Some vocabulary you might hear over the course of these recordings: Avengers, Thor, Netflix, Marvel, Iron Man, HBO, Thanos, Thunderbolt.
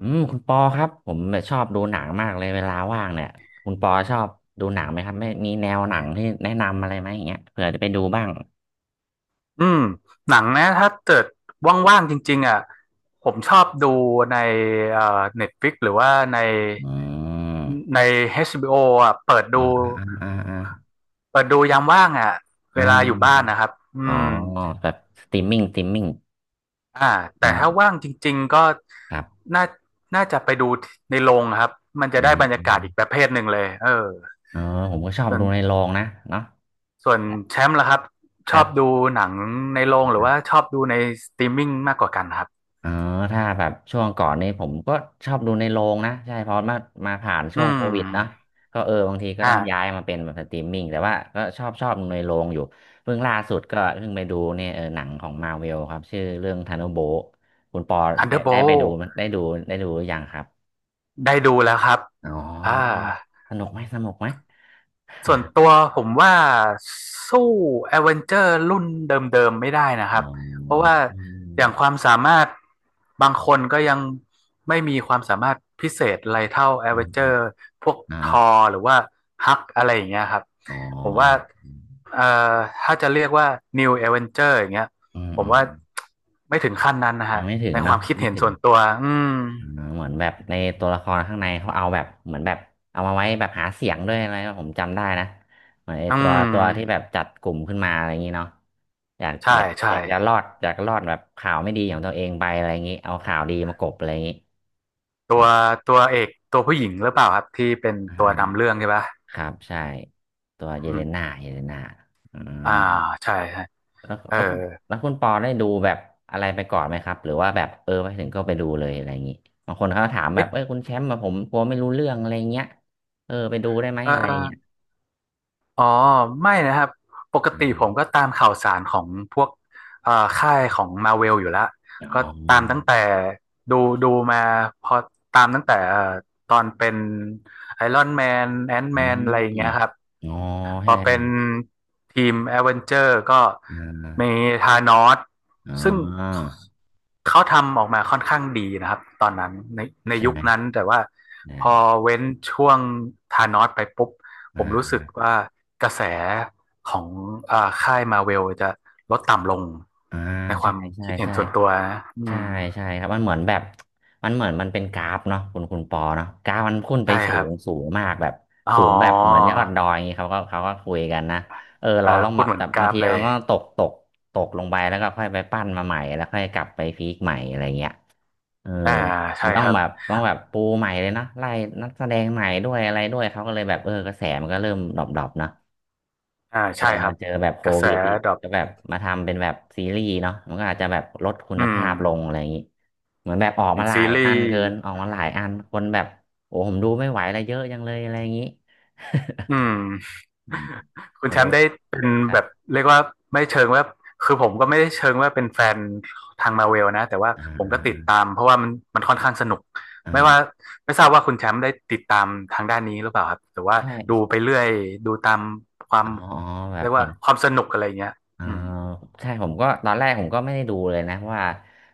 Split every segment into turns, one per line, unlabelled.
อืมคุณปอครับผมแบบชอบดูหนังมากเลยเวลาว่างเนี่ยคุณปอชอบดูหนังไหมครับไม่มีแนวหนังที่แนะนำอะไรไหมอย่างเงี้ยเผื่อจะไปดูบ้าง
อืมหนังนะถ้าเกิดว่างๆจริงๆอ่ะผมชอบดูในเอ่อ Netflix หรือว่าใน
อืม
ใน HBO อชบีโออ่ะเปิด
อ่า
ดู
อ่าอ่าอ่า
ยามว่างอ่ะ
อ
เวลาอยู่บ้าน
า
นะครับอื
อ๋อ
ม
แบบสตรีมมิ่งสตรีมมิ่ง
อ่าแต่ถ้า
อ่า
ว่างจริงๆก็
ครับ
น่าน่าจะไปดูในโรงครับมัน
อื
จะได้
ม
บรร
อ
ยา
ม
กาศอีกประเภทหนึ่งเลยเออ
อ๋อผมก็ชอบ
ส่วน
ดูในโรงนะเนาะ
ส่วนแชมป์ล่ะครับ
ค
ช
รั
อบดู
บ
หนังในโรงหรือว่าชอบดูในสตรีมมิ่งมากกว่ากันครับ
อ๋อถ้าแบบช่วงก่อนนี่ผมก็ชอบดูในโรงนะใช่เพราะมาผ่านช่
อื
วงโควิดเนาะ
ม
ก็เออบางทีก็
อ่า
ต้องย้ายมาเป็นแบบสตรีมมิ่งแต่ว่าก็ชอบดูในโรงอยู่เพิ่งล่าสุดก็เพิ่งไปดูเนี่ยเออหนังของมาเวลครับชื่อเรื่องธานุโบะคุณปอ
ทันเด
ได้
อร์โบ
ได้ไปดูมั้ยได้ดูได้ดูหรือยังครับ
ได้ดูแล้วครับ
อ๋อ
อ่า
สนุกไหมสนุกไหม
ส่วนตั วผมว่าสู้ a อเวนเจอร์รุ่นเดิมๆไม่ได้นะค
อ๋
รั
อ
บ เพราะว่า
อื
อ
ม
ย่างความสามารถบางคนก็ยังไม่มีความสามารถพิเศษอะไรเท่า a อ
อื
เว
ม
นเจ
อื
อ
ม
ร์พวก
เนาะ
ท
เนาะ
อร์หรือว่าฮักอะไรอย่างเงี้ยครับ
อ๋อ
ผมว่า
อืม
เอ่อถ้าจะเรียกว่า New Avenger อย่างเงี้ย
อืม
ผ
อื
ม
ม
ว่าไม่ถึงขั้นนั้นนะ
ยั
ฮะ
งไม่ถึง
ในค
เนาะ
วามคิ
ยั
ด
งไม่
เห็น
ถึง
ส่วนตัวอืม
อ่าเหมือนแบบในตัวละครข้างในเขาเอาแบบเหมือนแบบเอามาไว้แบบหาเสียงด้วยอะไรผมจำได้นะเหมือนไอ้
อื
ตัวที่แบ
ม
บจัดกลุ่มขึ้นมาอะไรอย่างนี้เนาะอยาก
ใช่
แบบ
ใช่
อยากจะรอดอยากรอดแบบข่าวไม่ดีของตัวเองไปอะไรอย่างนี้เอาข่าวดีมากลบอะไรอย่างนี้
ตั
อ
ว
ม
ตัวเอกตัวผู้หญิงหรือเปล่าครับที่เป็น
อ่
ตัวนำ
า
เรื่องใช่ปะ
ครับใช่ตัวเยเล
อืม
น่าเยเลน่าอืม
อ่าใช่ใช่
แล้ว
เออ
แล้วคุณแล้วคุณปอได้ดูแบบอะไรไปก่อนไหมครับหรือว่าแบบเออไปถึงก็ไปดูเลยอะไรอย่างนี้บางคนเขาถามแบบ
เอ๊ะ
เอ้ยคุณแชมป์มาผมกลัวไม่รู้เรื่องอะไรเงี้ยเออไปดูได้ไหม
เอ
อะไรเงี้ย
ออ๋อไม่นะครับปกติผม
อา
ก็ตามข่าวสารของพวกเอ่อค่ายของมาเวลอยู่แล้ว
อ๋
ก็ตาม
อ
ตั้งแต่ดูมาพอตามตั้งแต่ตอนเป็นไอรอนแมนแอน m ์
อื
แมนอะไรอย่างเงี้ยค
ม
รับ
อ๋อ
พอ
ใช่
เป็นทีมแอดเวนเจอร์ก็
อ่
มี
า
ธานอส
อ๋
ซึ่ง
อ
เขาทำออกมาค่อนข้างดีนะครับตอนนั้นในใน
ใช่
ยุ
ไห
ค
ม
นั้นแต่ว่าพ
ได้
อเว้นช่วงธานอสไปปุ๊บผ
อ่
มรู้
า
สึกว่ากระแสของอ่าค่ายมาเวลจะลดต่ำลง
อ่า
ในค
ใช่
วาม
ใช่
คิดเห็น
ใช่
ส่วนตัวนะอื
ใช่
ม
ใช่ครับมันเหมือนมันเป็นกราฟเนาะคุณปอเนาะกราฟมันพุ่นไป
ใช่
สู
ครับ
งสูงมากแบบ
อ๋อ
สูงแบบเหมือนยอดดอยอย่างงี้เขาก็คุยกันนะเออเรา
อ่า
ต้อง
พู
มา
ดเหมือ
แต่
นก
บา
รา
ง
ฟ
ที
เล
มั
ย
นก็ตกลงไปแล้วก็ค่อยไปปั้นมาใหม่แล้วค่อยกลับไปพีคใหม่อะไรเงี้ยเออ
อ่า
มั
ใช่
นต้อ
ค
ง
รับ
แบบปูใหม่เลยนะไล่นักแสดงใหม่ด้วยอะไรด้วยเขาก็เลยแบบเออกระแสมันก็เริ่มดรอปๆเนาะ
อ่าใช่ครับ
เจอแบบโค
กระแส
วิดอีก
ดรอป
ก็แบบมาทำเป็นแบบซีรีส์เนาะมันก็อาจจะแบบลดคุ
อื
ณ
ม
ภาพลงอะไรอย่างนี้เหมือนแบบออก
อย่า
มา
ง
หลา
ซี
ย
รี
อัน
ส์
เกินออกมาหลายอันคนแบบโอ้ผมดูไม่ไหวอะไรเยอะจังเลยอะไรอย่างนี้
อืม
อืม
คุณ
เอา
แช
เล
ม
ย
ป์ได้เป็น
ครั
แบบ
บ
เรียกว่าไม่เชิงว่าคือผมก็ไม่ได้เชิงว่าเป็นแฟนทางมาเวลนะแต่ว่า
อ่า
ผมก็ติด
อ่า
ตามเพราะว่ามันค่อนข้างสนุก
อ่
ไม่ว่า
า
ไม่ทราบว่าคุณแชมป์ได้ติดตามทางด้านนี้หรือเปล่าครับหรือ
ใ
ว่าดู
ช่
ไปเรื่อยดูตามความ
อ๋ออ๋อแบ
เรี
บ
ยก
เห็
ว่า
น
ความสนุกอะไรเงี้ย
อ่า
อืม
ใช่ผมก็ตอนแรกผมก็ไม่ได้ดูเลยนะเพราะว่า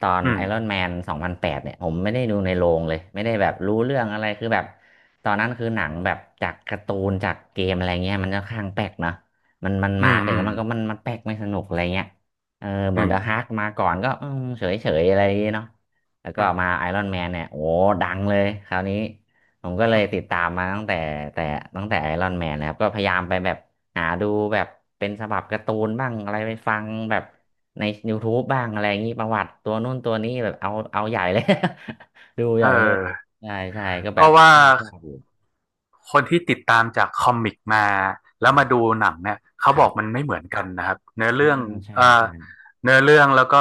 ตอน
อื
ไอ
ม
รอนแมน2008เนี่ยผมไม่ได้ดูในโรงเลยไม่ได้แบบรู้เรื่องอะไรคือแบบตอนนั้นคือหนังแบบจากการ์ตูนจากเกมอะไรเงี้ยมันจะคข้างแปลกเนาะมัน
อื
มา
ม
ถึง
อืม
แล้วมันก็มันแปลกไม่สนุกอะไรเงี้ยเออเหมื
อื
อน
ม
เดอะฮาร์กมาก่อนก็เฉยเฉยๆอะไรอย่างเงี้ยเนาะแล้วก็มาไอรอนแมนเนี่ยโอ้ดังเลยคราวนี้ผมก็เล
อื
ย
ม
ติดตามมาตั้งแต่แต่ตั้งแต่ไอรอนแมนนะครับก็พยายามไปแบบ หาดูแบบเป็นฉบับการ์ตูนบ้างอะไรไปฟังแบบใน YouTube บบ้างอะไรอย่างนี้ประวัติตัวนู่นตัวนี้แบบเอาใหญ่เลย ดู
เอ
ให
อ
ญ่เลยใช่ใช่ก็
เพ
แบบ
ราะว่า
ชอบอยู่
คนที่ติดตามจากคอมิกมาแล้
อื
ว
ม
มาดูหนังเนี่ยเขา
ค
บ
รั
อกมั
บ
นไม่เหมือนกันนะครับเนื้อ
อ่า
เรื่อง
ใช่
เอ่อ
ใช่
เนื้อเรื่องแล้วก็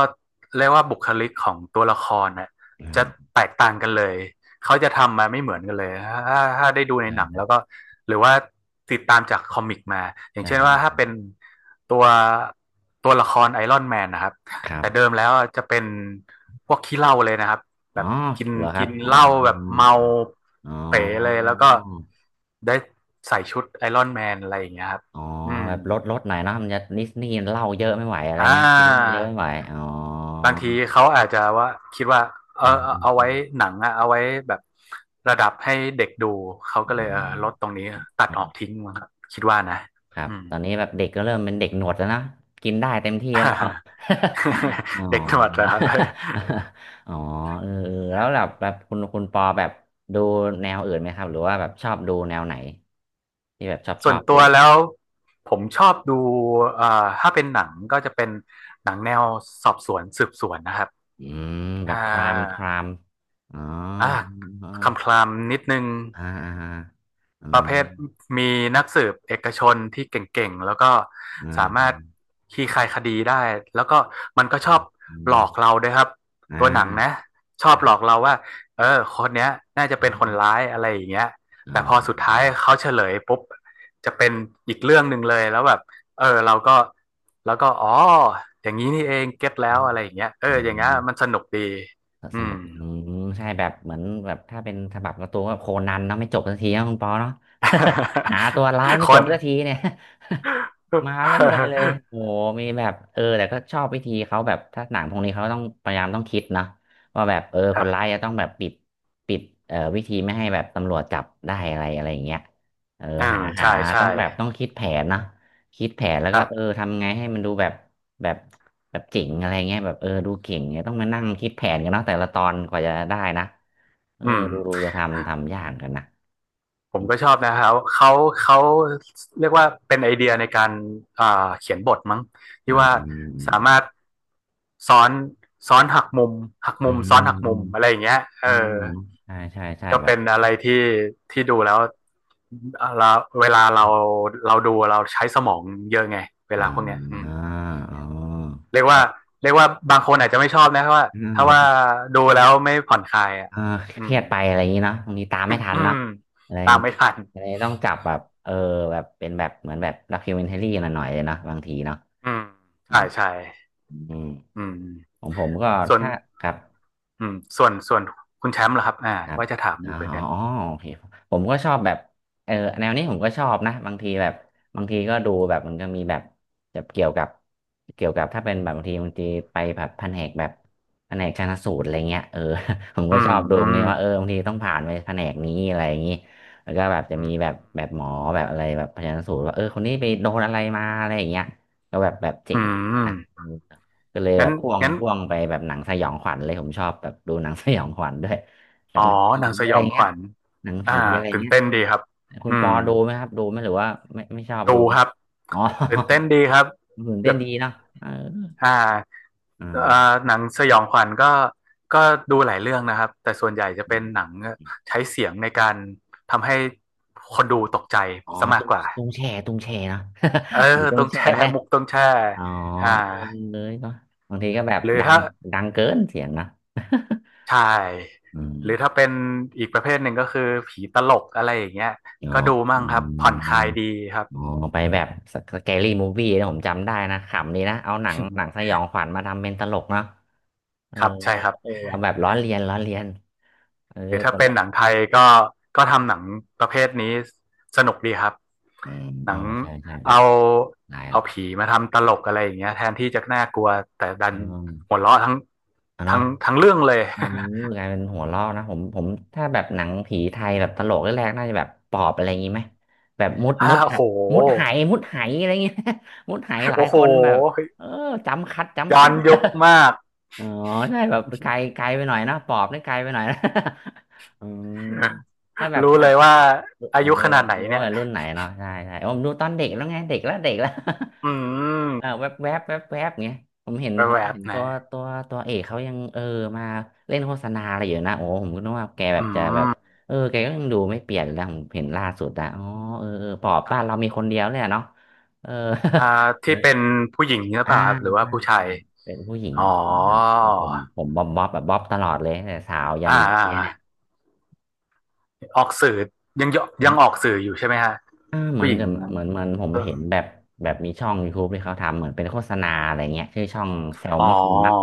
เรียกว่าบุคลิกของตัวละครเนี่ย
อ่
จะ
า
แตกต่างกันเลยเขาจะทำมาไม่เหมือนกันเลยถ้าได้ดูในหนังแล้
ใช่
วก็หรือว่าติดตามจากคอมิกมาอย่าง
ใช่
เช่นว่าถ้าเป็นตัวตัวละครไอรอนแมนนะครับ
ครั
แต่เดิ
บ
มแล้วจะเป็นพวกขี้เหล้าเลยนะครับ แบ
อ๋อ
บกิน
เหรอครั
กิ
บ
น
อ๋อ
เหล้าแบบเมา
อ๋อ
เป๋เลยแล้วก็ได้ใส่ชุดไอรอนแมนอะไรอย่างเงี้ยครับ
อ๋อ
อืม
แบบลดหน่อยเนาะมันจะนิสนี่เหล้าเยอะไม่ไหวอะไร
อ่า
เงี้ยกินเหล้าเยอะไม่ไหวอ๋อ
บางทีเขาอาจจะว่าคิดว่าเออ
อืม
เอา
อืมอื
ไว้
ม
หนังอะเอาไว้แบบระดับให้เด็กดูเขาก็เล
อ
ยเออลดตรงนี้ตัดออก
อ
ทิ้งมั้งครับคิดว่านะ
ครับ
อืม
ตอนนี้แบบเด็กก็เริ่มเป็นเด็กหนวดแล้วนะกินได้เต็มที่แล้ว อ๋อ
เด็กหนวดเหรอครับ
อ๋อเออเออแล้วแบบคุณปอแบบดูแนวอื่นไหมครับหรือว่าแบบชอบดูแนวไหนที่แบบชอบ ช
ส่ว
อ
น
บ
ตัว
ดู
แล้วผมชอบดูเอ่อถ้าเป็นหนังก็จะเป็นหนังแนวสอบสวนสืบสวนนะครับ
อืมแบ
อ่า
บครามครามอ๋อ
อ่า
เออ
คำคลามนิดนึง
อ่าอ่าอ่าอื
ประ
ม
เภทมีนักสืบเอกชนที่เก่งๆ แล้วก็
อ่
สามารถ
า
ขี่ครายคดีได้แล้วก็มันก็ชอบ
อื
หลอก
ม
เราด้วยครับ
อ่
ตัวหนังนะ
า
ชอ
ค
บ
รั
หลอก
บ
เราว่าเออคนเนี้ยน่าจะเป็นคนร้ายอะไรอย่างเงี้ย
อ๋
แต่พอสุดท้าย
อ
เขาเฉลยปุ๊บจะเป็นอีกเรื่องหนึ่งเลยแล้วแบบเออเราก็แล้วก็อ๋ออย่างนี้นี่เองเก็ตแล้วอะไรอย่างเงี้ยเอ
อ๋
ออย่างเงี้ยมัน
อ
สนุกดีอื
สนุ
ม
กอืมใช่แบบเหมือนแบบถ้าเป็นฉบับการ์ตูนก็โคนันเนาะไม่จบสักทีนะคุณปอเนาะ หาตัวร้าย ไม่
คอ
จ
น
บสักทีเนี่ย มาเรื่อยๆเลยโอ้ โหมีแบบแต่ก็ชอบวิธีเขาแบบถ้าหนังพวกนี้เขาต้องพยายามต้องคิดนะว่าแบบ
ค
ค
รั
นร้าย
บ
จะต้องแบบปิดวิธีไม่ให้แบบตำรวจจับได้อะไรอะไรอย่างเงี้ยเออ
อ่า
หา
ใช่ใช่
ต้องแบบต้องคิดแผนนะคิดแผนแล้ว
ค
ก็
รับ
ทำไงให้มันดูแบบแบบแบบเจ๋งอะไรเงี้ยแบบดูเก่งเนี่ยต้องมานั่งคิดแผนกันเนาะแต่ละตอนกว่าจะได้นะเออ
อืม
ดูจะทำยากกันนะ
ผ
อื
ม
ม
ก็ชอบนะครับเขาเขาเรียกว่าเป็นไอเดียในการอ่าเขียนบทมั้งที่
อ่
ว่าสามา
า
รถซ้อนหักมุมหัก
อื
มุมซ้อน
ม
หัก
อื
มุม
ม
อะไรอย่างเงี้ยเอ
อื
อ
มใช่ใช่ใช่
ก็
แบบ
เป็นอะไรที่ดูแล้วเราเวลาเราดูเราใช้สมองเยอะไงเว
อ่
ลาพวกเนี้ยอืม
าอ๋อ
เรียก
แบ
ว่า
บ
บางคนอาจจะไม่ชอบนะเพราะว่า
อา
ถ้า
จจะ
ว่า
แบบ
ดูแล้วไม่ผ่อนคลายอ่ะ
เออเค
อื
รีย
ม
ดไปอะไรอย่างนี้เนาะบางทีตามไม่ทั
อื
นเนาะ
ม
อะไรอ
ตา
ย่าง
ม
นี้
ไม่ทัน
อะไต้องจับแบบแบบเป็นแบบเหมือนแบบด็อกิวเมนทรี่หน่อยๆเลยเนาะบางทีเนาะ
อืม
อื
ใช่
ม
ใช่
อืม
อืม
ของผมก็
ส่วน
ถ้าครับ
อืมส่วนคุณแชมป์เหรอครับอ่า
ครับ
ว่าจะถามอ
อ๋อ
ยู่เหมือนกัน
โอเคผมก็ชอบแบบเออแนวนี้ผมก็ชอบนะบางทีแบบบางทีก็ดูแบบมันก็มีแบบจะเกี่ยวกับถ้าเป็นแบบบางทีไปแบบแผนกแบบแผนกชันสูตรอะไรเงี้ยเออ ผม
อื
ก็ช
ม
อบดู
อื
ตรง
ม
นี้ว่าบางทีต้องผ่านไปแผนกนี้อะไรอย่างนี้แล้วก็แบบจะ
อื
มีแบบ
ม
แบบหมอแบบอะไรแบบชันสูตรว่าคนนี้ไปโดนอะไรมาอะไรอย่างเงี้ยก็แบบแบบเจ๋ง
อื
ดีนะ
ม
ก็เลยแบ
งั้น
บพ่วง
งั้น
พ่วงไปแบบหนังสยองขวัญเลยผมชอบแบบดูหนังสยองขวัญด้วยแบ
อ๋
บ
อ
หนังผี
หนังส
อะ
ย
ไร
องข
เงี้ย
วัญ
หนัง
อ่า
ผีอะไร
ตื่น
เงี้ย
เต้น
คุณ
ดีครับ
คุณ
อื
ปอ
ม
ดูไหมครับดูไหมหรือว่าไม่ชอบดู
ดูค
มั้ง
รับ
อ๋อ
ตื่นเต้นดีครับ
มันตื่น
แบ
เต้น
บ
ดีเนาะเออ
อ่า
อ่
เอ่อ
า
หนังสยองขวัญก็ก็ดูหลายเรื่องนะครับแต่ส่วนใหญ่จะ
อ
เป็น
ม
หนังใช้เสียงในการทำให้คนดูตกใจ
อ๋อ
ซะมาก
ตุ้ง
กว่า
ตุ้งแช่ตุ้งแช่เนาะ
เออ
ผีตุ้
ต้
ง
อง
แช่
แช่
ไหม
มุกต้องแช่
อ๋อ
อ่า
เออเลยก็บางทีก็แบบ
หรือ
ดัง
ถ้า
ดังเกินเสียงนะ
ใช่
อืม
หรือถ้าเป็นอีกประเภทหนึ่งก็คือผีตลกอะไรอย่างเงี้ย
อ๋อ
ก็ดูมั่งครับ ผ่อนคลายดีครับ
อ๋อไปแบบสแกรี่มูฟวี่นะผมจำได้นะขำดีนะเอาหนังส ยองขวัญมาทำเป็นตลกเนาะเออ
ครับใช่ครับ
เออเอาแบบล้อเลียนล้อเลียนเออ
หรือถ้า
ต
เป็
ล
น
ก
หนังไทยก็ทำหนังประเภทนี้สนุกดีครับ
อืม
ห
อ๋
นั
อ
ง
ใช่ใช่แบบ
เอา
หลายละ
ผีมาทำตลกอะไรอย่างเงี้ยแทนที่จะน่ากลัวแต่ดัน
อืม
หัวเราะทั้ง
อ่ะเนาะ
ทั้งเรื่องเลย
เออกลายเป็นหัวเราะนะผมถ้าแบบหนังผีไทยแบบตลกแรกๆน่าจะแบบปอบอะไรอย่างงี้ไหมแบบมุด
อ้า
มุดหะ
โห
มุดไหมุดไหอะไรอย่างงี้ มุดไหหลาย
โอ้โห
คนแบบเออจำคัดจำ
ย้อ
คั
น
ด
ยุคมาก
อ๋อใช่แบบไกลไกลไปหน่อยนะปอบนี่ไกลไปหน่อยนะ อืมถ้าแบบ
รู้เล
ต่า
ยว่า
รู
อายุ
้
ขนาดไหน
รู้
เนี่ย
ว่ารุ่นไหนเนาะใช่ใช่ผมดูตอนเด็กแล้วไงเด็กแล้วเด็กแล้ว
อื
เออแว
ม
บแวบแวบแวบเงี้ยผมเห็นผ
แว
ม
บ
เห็น
ๆ
ตั
นะ
วตัวตัวเอกเขายังมาเล่นโฆษณาอะไรอยู่นะโอ้ผมก็นึกว่าแกแบ
อื
บจะแบบ
ม
แกก็ยังดูไม่เปลี่ยนเลยนะผมเห็นล่าสุดอะอ๋อเออเออปอบ
ครั
บ้านเรา
บ
มีคนเดียวเลยอะเนาะเออ
อ่าที่เป็ นผู้หญิงหรือ
อ่า
เปล่าครับหรือว่า
ใช่
ผู้ชา
ใช่
ย
เป็นผู้หญิง
อ๋อ
ผู้หญิงครับผมบ๊อบบ๊อบแบบบ๊อบตลอดเลยตั้งแต่สาวยั
ออ่
นแบบนี้เนี่ย
าออกสื่อยังยัง
นะ
ออกสื่ออยู่ใช่ไหมฮะ
อ่าเหมือ
ผู้
น
หญิง
จะเหมือนผมเห็นแบบแบบมีช่อง YouTube ที่เขาทำเหมือนเป็นโฆษณาอะไรเงี้ยชื่อช่องแซล
อ๋อ
มอนมั้ง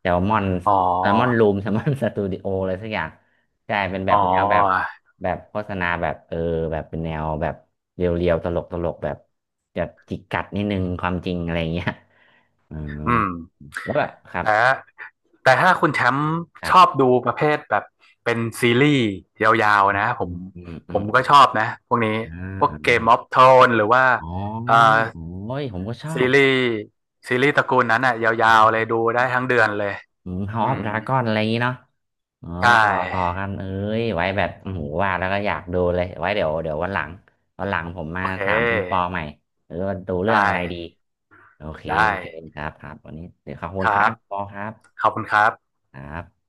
แซลมอน
อ๋
แซลมอน
อ
รูม แซลมอนสตูดิโออะไรสักอย่างใช่เป็นแบ
อ๋อ
บแนวแบบแบบโฆษณาแบบแบบเป็นแนวแบบเรียวๆตลกตลกแบบแบบจิกกัดนิดนึงความจริงอะไรเงี้ย อ๋อ
อืม
แล้วแบบคร
แต่ถ้าคุณแชมป์ช
ับ
อบดูประเภทแบบเป็นซีรีส์ยาว
อื
ๆ
ม
นะผ
อื
ม
มอืมอืม
ก็ชอบนะพวกนี้
อ่า
พวก
อา
เกมออฟโทนหรือว่า
อ๋อ
เอ่อ
โอ้ยผมก็ชอ
ซี
บ
รีส์ตระกูลนั้นอ่ะยาวๆเลยดูได้ทั้งเดือนเลย
อืม
อื
House of
ม
Dragon อะไรอย่างงี้เนาะเออ
ใช
ต่อต่อ
่
กันเอ้ยไว้แบบโอ้โหว่าแล้วก็อยากดูเลย ไว้เดี๋ยววันหลัง วันหลังผมมา
โอเ
ถามคุณปอ
ค
ใหม่เออว่าดูเรื่
ได้
องอะไรดี โอเค
ได้
โอเค ครับ ครับวันนี้เดี๋ยวขอบคุ
ค
ณ
รั
ครับ
บ
ปอครับ
ขอบคุณครับ
ครับ